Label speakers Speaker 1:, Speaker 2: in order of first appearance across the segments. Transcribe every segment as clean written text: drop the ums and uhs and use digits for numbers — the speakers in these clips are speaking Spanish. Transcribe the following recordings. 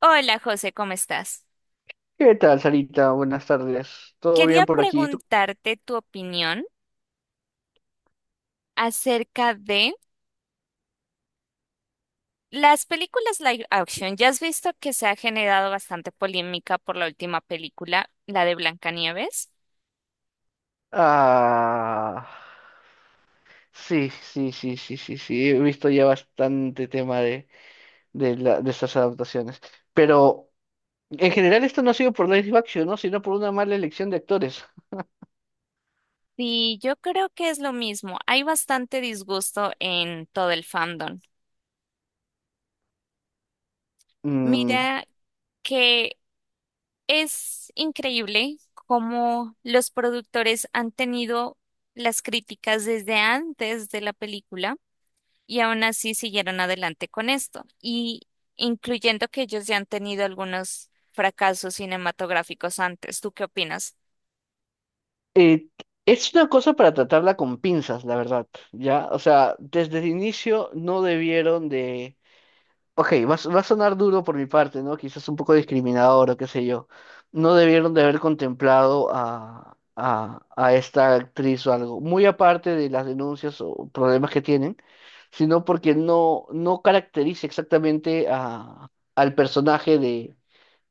Speaker 1: Hola José, ¿cómo estás?
Speaker 2: ¿Qué tal, Sarita? Buenas tardes. ¿Todo
Speaker 1: Quería
Speaker 2: bien por aquí? ¿Y tú?
Speaker 1: preguntarte tu opinión acerca de las películas live action. Ya has visto que se ha generado bastante polémica por la última película, la de Blancanieves.
Speaker 2: Ah, sí, sí, sí, sí, sí, sí. He visto ya bastante tema de estas adaptaciones. Pero en general esto no ha sido por live action, ¿no? Sino por una mala elección de actores.
Speaker 1: Sí, yo creo que es lo mismo. Hay bastante disgusto en todo el fandom.
Speaker 2: Mm,
Speaker 1: Mira que es increíble cómo los productores han tenido las críticas desde antes de la película y aún así siguieron adelante con esto, y incluyendo que ellos ya han tenido algunos fracasos cinematográficos antes. ¿Tú qué opinas?
Speaker 2: eh, es una cosa para tratarla con pinzas, la verdad, ¿ya? O sea, desde el inicio no debieron. Ok, va, va a sonar duro por mi parte, ¿no? Quizás un poco discriminador o qué sé yo. No debieron de haber contemplado a esta actriz o algo, muy aparte de las denuncias o problemas que tienen, sino porque no caracteriza exactamente a, al personaje de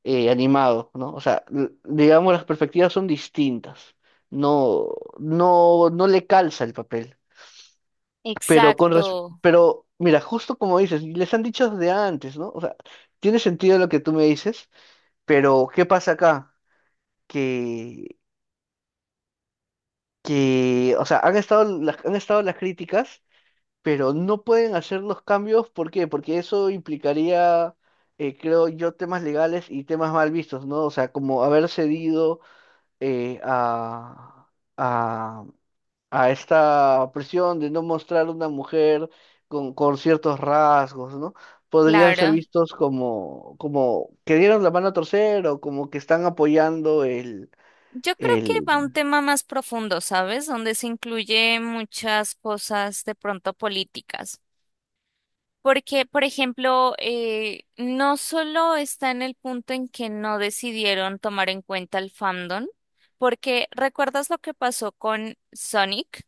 Speaker 2: animado, ¿no? O sea, digamos, las perspectivas son distintas. No, no le calza el papel. Pero
Speaker 1: Exacto,
Speaker 2: pero mira, justo como dices, les han dicho desde antes, ¿no? O sea, tiene sentido lo que tú me dices, pero ¿qué pasa acá? Que, o sea, han estado las críticas, pero no pueden hacer los cambios, ¿por qué? Porque eso implicaría, creo yo, temas legales y temas mal vistos, ¿no? O sea, como haber cedido eh, a, a a esta presión de no mostrar una mujer con ciertos rasgos, ¿no? Podrían ser
Speaker 1: claro.
Speaker 2: vistos como que dieron la mano a torcer o como que están apoyando el,
Speaker 1: Yo creo que
Speaker 2: el...
Speaker 1: va a un tema más profundo, ¿sabes? Donde se incluye muchas cosas de pronto políticas. Porque, por ejemplo, no solo está en el punto en que no decidieron tomar en cuenta el fandom, porque ¿recuerdas lo que pasó con Sonic?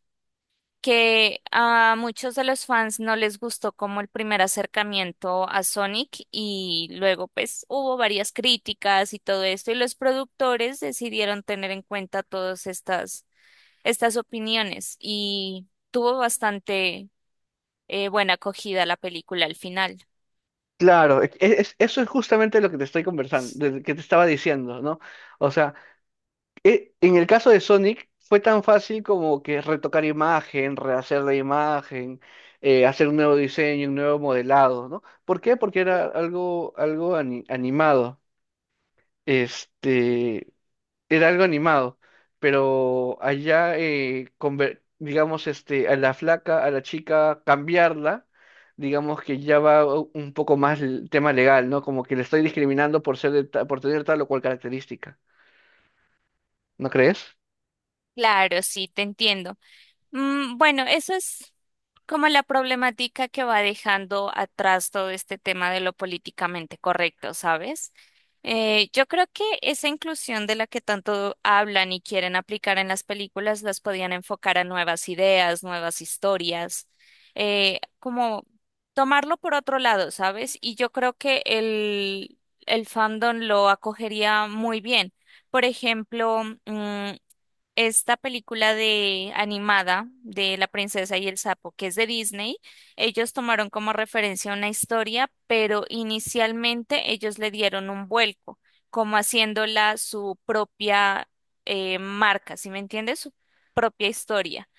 Speaker 1: Que a muchos de los fans no les gustó como el primer acercamiento a Sonic y luego pues hubo varias críticas y todo esto y los productores decidieron tener en cuenta todas estas, estas opiniones y tuvo bastante buena acogida la película al final.
Speaker 2: Claro, eso es justamente lo que te estoy conversando, que te estaba diciendo, ¿no? O sea, en el caso de Sonic fue tan fácil como que retocar imagen, rehacer la imagen, hacer un nuevo diseño, un nuevo modelado, ¿no? ¿Por qué? Porque era algo, animado. Este, era algo animado, pero allá, digamos, este, a la flaca, a la chica, cambiarla, digamos que ya va un poco más el tema legal, ¿no? Como que le estoy discriminando por ser por tener tal o cual característica, ¿no crees?
Speaker 1: Claro, sí, te entiendo. Mm, bueno, eso es como la problemática que va dejando atrás todo este tema de lo políticamente correcto, ¿sabes? Yo creo que esa inclusión de la que tanto hablan y quieren aplicar en las películas las podían enfocar a nuevas ideas, nuevas historias, como tomarlo por otro lado, ¿sabes? Y yo creo que el fandom lo acogería muy bien. Por ejemplo, mm, esta película de animada de La princesa y el sapo, que es de Disney, ellos tomaron como referencia una historia, pero inicialmente ellos le dieron un vuelco, como haciéndola su propia marca, ¿sí me entiendes? Su propia historia.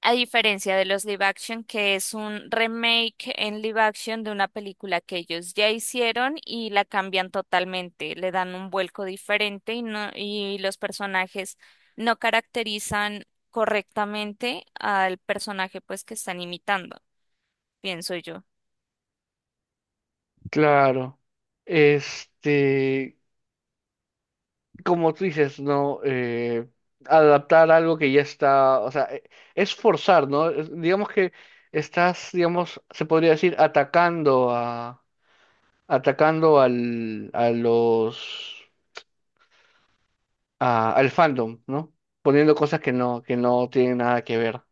Speaker 1: A diferencia de los live action, que es un remake en live action de una película que ellos ya hicieron y la cambian totalmente, le dan un vuelco diferente y no, y los personajes no caracterizan correctamente al personaje pues que están imitando, pienso yo.
Speaker 2: Claro. Este, como tú dices, ¿no? Adaptar algo que ya está, o sea, es forzar, ¿no? Digamos que estás, digamos, se podría decir, atacando a los, al fandom, ¿no? Poniendo cosas que no tienen nada que ver,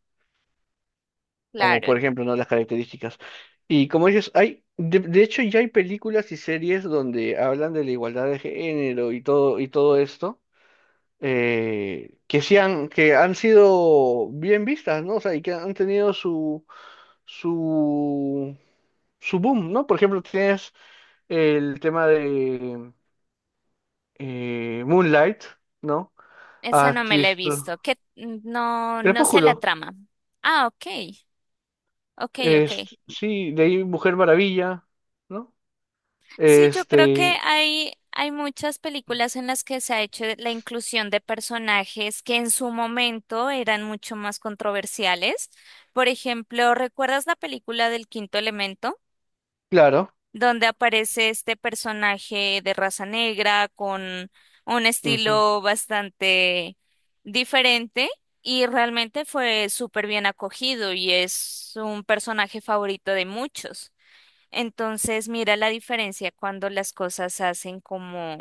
Speaker 2: como por
Speaker 1: Claro,
Speaker 2: ejemplo, ¿no? Las características. Y como dices, hay, de hecho ya hay películas y series donde hablan de la igualdad de género y todo esto, que que han sido bien vistas, ¿no? O sea, y que han tenido su, su boom, ¿no? Por ejemplo, tienes el tema de Moonlight, ¿no? Ah,
Speaker 1: esa
Speaker 2: has
Speaker 1: no me la he
Speaker 2: visto.
Speaker 1: visto, que no sé la
Speaker 2: Crepúsculo.
Speaker 1: trama. Ah, ok, ok, ok.
Speaker 2: Es, sí, de ahí Mujer Maravilla, ¿no?
Speaker 1: Sí, yo creo que
Speaker 2: Este,
Speaker 1: hay muchas películas en las que se ha hecho la inclusión de personajes que en su momento eran mucho más controversiales. Por ejemplo, ¿recuerdas la película del Quinto Elemento?
Speaker 2: claro,
Speaker 1: Donde aparece este personaje de raza negra con un
Speaker 2: ujú,
Speaker 1: estilo bastante diferente y realmente fue súper bien acogido y es un personaje favorito de muchos. Entonces, mira la diferencia cuando las cosas hacen como,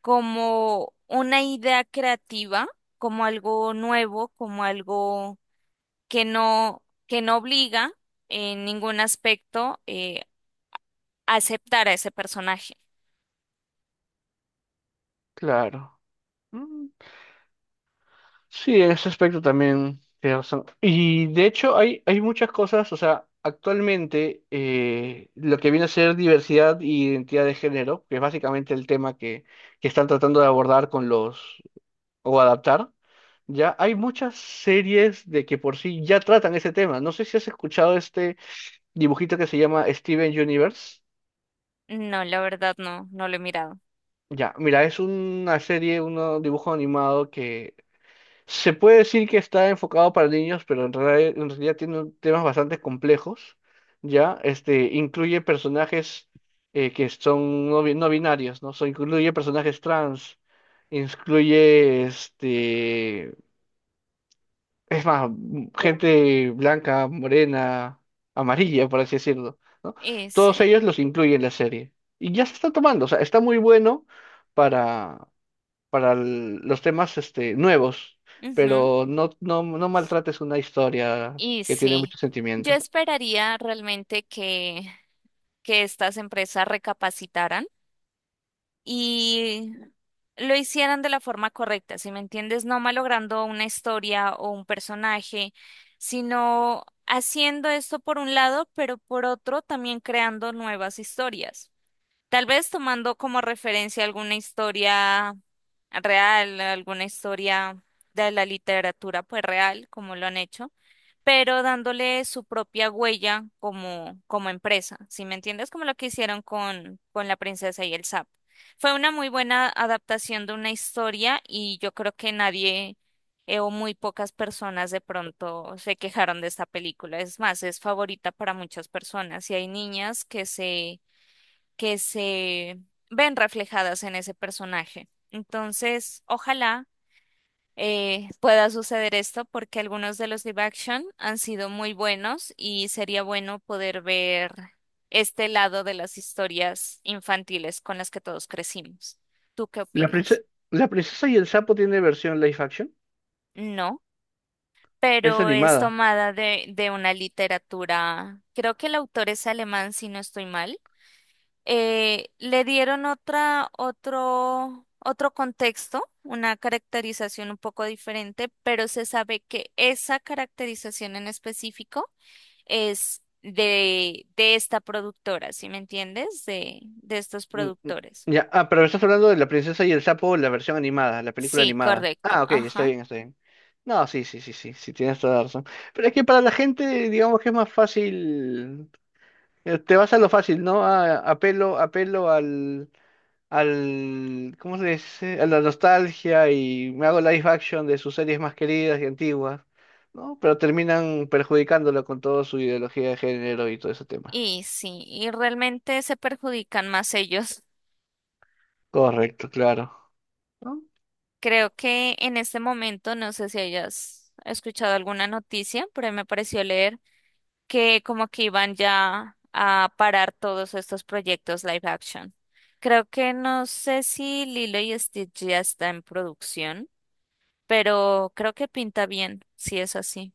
Speaker 1: como una idea creativa, como algo nuevo, como algo que no obliga en ningún aspecto a aceptar a ese personaje.
Speaker 2: claro. Mm, sí, en ese aspecto también tienes razón. Y de hecho hay, hay muchas cosas, o sea, actualmente lo que viene a ser diversidad e identidad de género, que es básicamente el tema que están tratando de abordar con los, o adaptar, ya hay muchas series de que por sí ya tratan ese tema. No sé si has escuchado este dibujito que se llama Steven Universe.
Speaker 1: No, la verdad no, no lo he mirado.
Speaker 2: Ya, mira, es una serie, un dibujo animado que se puede decir que está enfocado para niños, pero en realidad tiene temas bastante complejos. Ya, este, incluye personajes que son no binarios, ¿no? So, incluye personajes trans, incluye este. Es más, gente blanca, morena, amarilla, por así decirlo, ¿no? Todos
Speaker 1: Ese.
Speaker 2: ellos los incluyen en la serie. Y ya se está tomando, o sea, está muy bueno para, para los temas este, nuevos,
Speaker 1: Ujú.
Speaker 2: pero no maltrates una historia
Speaker 1: Y
Speaker 2: que tiene
Speaker 1: sí,
Speaker 2: mucho
Speaker 1: yo
Speaker 2: sentimiento.
Speaker 1: esperaría realmente que estas empresas recapacitaran y lo hicieran de la forma correcta, ¿si me entiendes? No malogrando una historia o un personaje, sino haciendo esto por un lado, pero por otro también creando nuevas historias. Tal vez tomando como referencia alguna historia real, alguna historia de la literatura pues real, como lo han hecho, pero dándole su propia huella como, como empresa, ¿sí me entiendes? Como lo que hicieron con La princesa y el sapo. Fue una muy buena adaptación de una historia y yo creo que nadie o muy pocas personas de pronto se quejaron de esta película. Es más, es favorita para muchas personas y hay niñas que que se ven reflejadas en ese personaje. Entonces, ojalá pueda suceder esto porque algunos de los live action han sido muy buenos y sería bueno poder ver este lado de las historias infantiles con las que todos crecimos. ¿Tú qué opinas?
Speaker 2: La princesa y el sapo tiene versión live action,
Speaker 1: No,
Speaker 2: es
Speaker 1: pero es
Speaker 2: animada.
Speaker 1: tomada de una literatura, creo que el autor es alemán, si no estoy mal. Le dieron otra, otro contexto, una caracterización un poco diferente, pero se sabe que esa caracterización en específico es de esta productora, ¿sí me entiendes? De estos
Speaker 2: Mm, mm,
Speaker 1: productores.
Speaker 2: ya, ah, pero estás hablando de La Princesa y el Sapo, la versión animada, la película
Speaker 1: Sí,
Speaker 2: animada.
Speaker 1: correcto,
Speaker 2: Ah, ok, está
Speaker 1: ajá.
Speaker 2: bien, está bien. No, sí, sí, sí, sí, sí, tienes toda la razón. Pero es que para la gente, digamos que es más fácil, te vas a lo fácil, ¿no? Ah, apelo ¿cómo se dice? A la nostalgia y me hago live action de sus series más queridas y antiguas, ¿no? Pero terminan perjudicándolo con toda su ideología de género y todo ese tema.
Speaker 1: Y sí, y realmente se perjudican más ellos.
Speaker 2: Correcto, claro. ¿No?
Speaker 1: Creo que en este momento, no sé si hayas escuchado alguna noticia, pero me pareció leer que como que iban ya a parar todos estos proyectos live action. Creo que no sé si Lilo y Stitch ya está en producción, pero creo que pinta bien, si es así.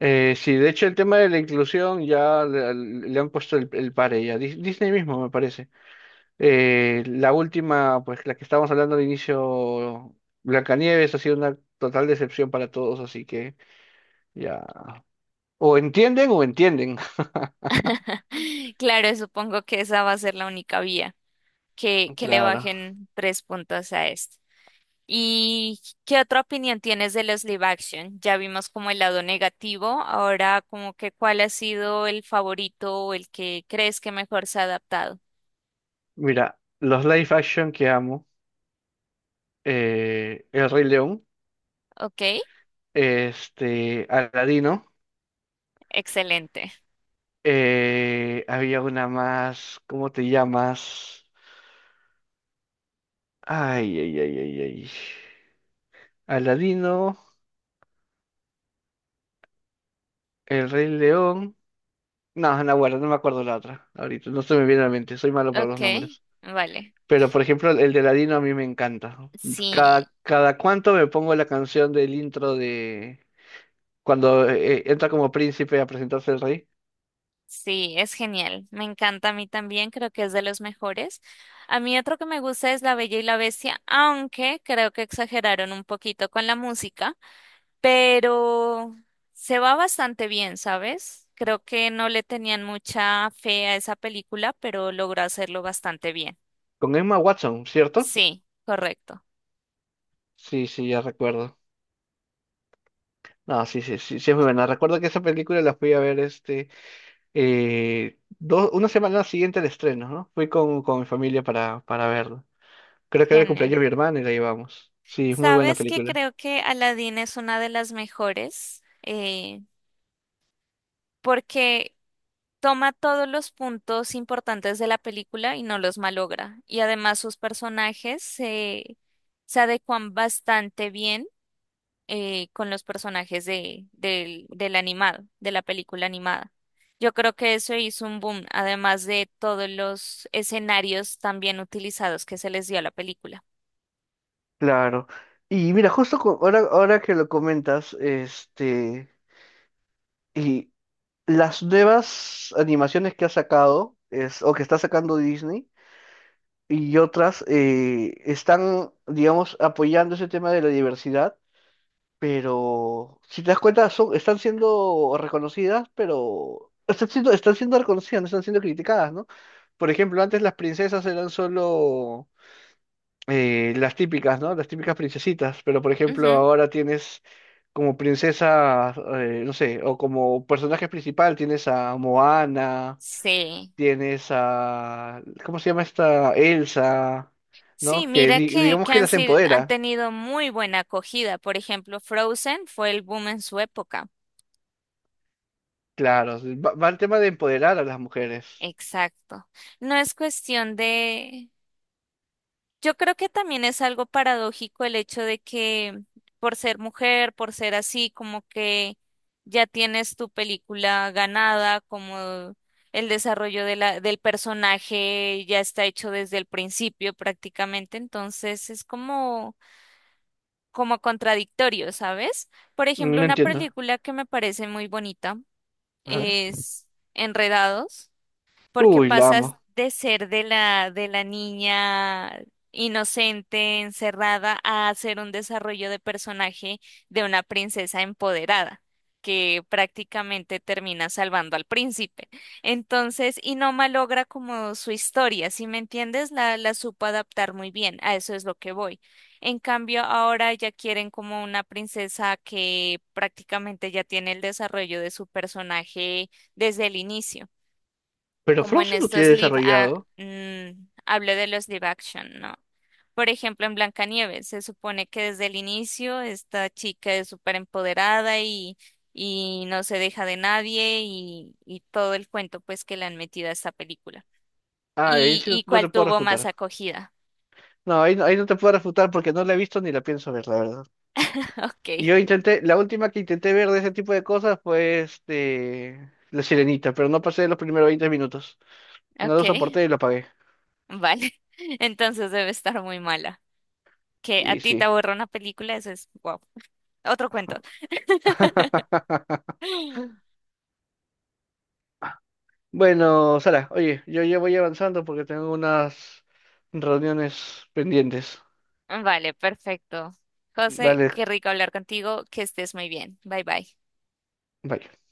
Speaker 2: Sí, de hecho el tema de la inclusión ya le han puesto el pare ya. Disney mismo me parece. La última, pues la que estábamos hablando al inicio, Blancanieves ha sido una total decepción para todos, así que ya. O entienden o entienden.
Speaker 1: Claro, supongo que esa va a ser la única vía, que le
Speaker 2: Claro.
Speaker 1: bajen tres puntos a esto. ¿Y qué otra opinión tienes de los live action? Ya vimos como el lado negativo, ahora como que cuál ha sido el favorito o el que crees que mejor se ha adaptado.
Speaker 2: Mira, los live action que amo, El Rey León,
Speaker 1: ¿Ok?
Speaker 2: este, Aladino,
Speaker 1: Excelente.
Speaker 2: había una más, ¿cómo te llamas? Ay, ay, ay, ay, ay. Aladino, El Rey León. No, Nahuala, no me acuerdo la otra. Ahorita no se me viene a la mente, soy malo para los
Speaker 1: Ok,
Speaker 2: nombres.
Speaker 1: vale.
Speaker 2: Pero por ejemplo, el de Aladino a mí me encanta.
Speaker 1: Sí,
Speaker 2: Cada cuánto me pongo la canción del intro de cuando entra como príncipe a presentarse el rey.
Speaker 1: sí, es genial. Me encanta a mí también, creo que es de los mejores. A mí otro que me gusta es La Bella y la Bestia, aunque creo que exageraron un poquito con la música, pero se va bastante bien, ¿sabes? Creo que no le tenían mucha fe a esa película, pero logró hacerlo bastante bien.
Speaker 2: Con Emma Watson, ¿cierto?
Speaker 1: Sí, correcto.
Speaker 2: Sí, sí, ya recuerdo. No, sí, sí, sí, sí es muy buena. Recuerdo que esa película la fui a ver este una semana siguiente al estreno, ¿no? Fui con mi familia para verla. Creo que era el
Speaker 1: Genial.
Speaker 2: cumpleaños de mi hermana y la llevamos. Sí, muy buena
Speaker 1: ¿Sabes que
Speaker 2: película.
Speaker 1: creo que Aladdin es una de las mejores? Porque toma todos los puntos importantes de la película y no los malogra. Y además sus personajes se adecuan bastante bien con los personajes de, del, del animado, de la película animada. Yo creo que eso hizo un boom, además de todos los escenarios también utilizados que se les dio a la película.
Speaker 2: Claro. Y mira, ahora, ahora que lo comentas, este, y las nuevas animaciones que ha sacado, es, o que está sacando Disney, y otras, están, digamos, apoyando ese tema de la diversidad, pero si te das cuenta, son, están siendo reconocidas, pero están siendo reconocidas, no están siendo criticadas, ¿no? Por ejemplo, antes las princesas eran solo las típicas, ¿no? Las típicas princesitas, pero por ejemplo
Speaker 1: Ujú.
Speaker 2: ahora tienes como princesa, no sé, o como personaje principal tienes a Moana,
Speaker 1: Sí.
Speaker 2: tienes a, ¿cómo se llama esta? Elsa, ¿no?
Speaker 1: Sí,
Speaker 2: Que
Speaker 1: mira
Speaker 2: digamos
Speaker 1: que
Speaker 2: que
Speaker 1: han,
Speaker 2: las
Speaker 1: sido- han
Speaker 2: empodera,
Speaker 1: tenido muy buena acogida. Por ejemplo, Frozen fue el boom en su época.
Speaker 2: claro, sí, va el tema de empoderar a las mujeres.
Speaker 1: Exacto. No es cuestión de... Yo creo que también es algo paradójico el hecho de que por ser mujer, por ser así, como que ya tienes tu película ganada, como el desarrollo de la, del personaje ya está hecho desde el principio prácticamente, entonces es como, como contradictorio, ¿sabes? Por
Speaker 2: Mm,
Speaker 1: ejemplo,
Speaker 2: no
Speaker 1: una
Speaker 2: entiendo.
Speaker 1: película que me parece muy bonita
Speaker 2: A ver.
Speaker 1: es Enredados, porque
Speaker 2: Uy, la
Speaker 1: pasas
Speaker 2: amo.
Speaker 1: de ser de la niña inocente, encerrada, a hacer un desarrollo de personaje de una princesa empoderada, que prácticamente termina salvando al príncipe. Entonces, y no malogra como su historia, si me entiendes, la supo adaptar muy bien, a eso es lo que voy. En cambio, ahora ya quieren como una princesa que prácticamente ya tiene el desarrollo de su personaje desde el inicio
Speaker 2: Pero
Speaker 1: como en
Speaker 2: Frozen lo tiene
Speaker 1: estos live,
Speaker 2: desarrollado.
Speaker 1: hablo de los live action, ¿no? Por ejemplo, en Blancanieves, se supone que desde el inicio esta chica es súper empoderada y no se deja de nadie y todo el cuento pues que le han metido a esta película.
Speaker 2: Ah, ahí sí no,
Speaker 1: Y
Speaker 2: no te
Speaker 1: cuál
Speaker 2: puedo
Speaker 1: tuvo más
Speaker 2: refutar.
Speaker 1: acogida?
Speaker 2: No ahí, no, ahí no te puedo refutar porque no la he visto ni la pienso ver, la verdad.
Speaker 1: Ok,
Speaker 2: Y yo intenté, la última que intenté ver de ese tipo de cosas fue este, La Sirenita, pero no pasé de los primeros 20 minutos. No
Speaker 1: ok,
Speaker 2: lo soporté y lo apagué.
Speaker 1: vale. Entonces debe estar muy mala. Que a
Speaker 2: Y
Speaker 1: ti
Speaker 2: sí.
Speaker 1: te aburra una película, eso es wow. Otro cuento.
Speaker 2: Bueno, Sara, oye, yo ya voy avanzando porque tengo unas reuniones pendientes.
Speaker 1: Vale, perfecto. José,
Speaker 2: Dale,
Speaker 1: qué rico hablar contigo, que estés muy bien. Bye bye.
Speaker 2: bye.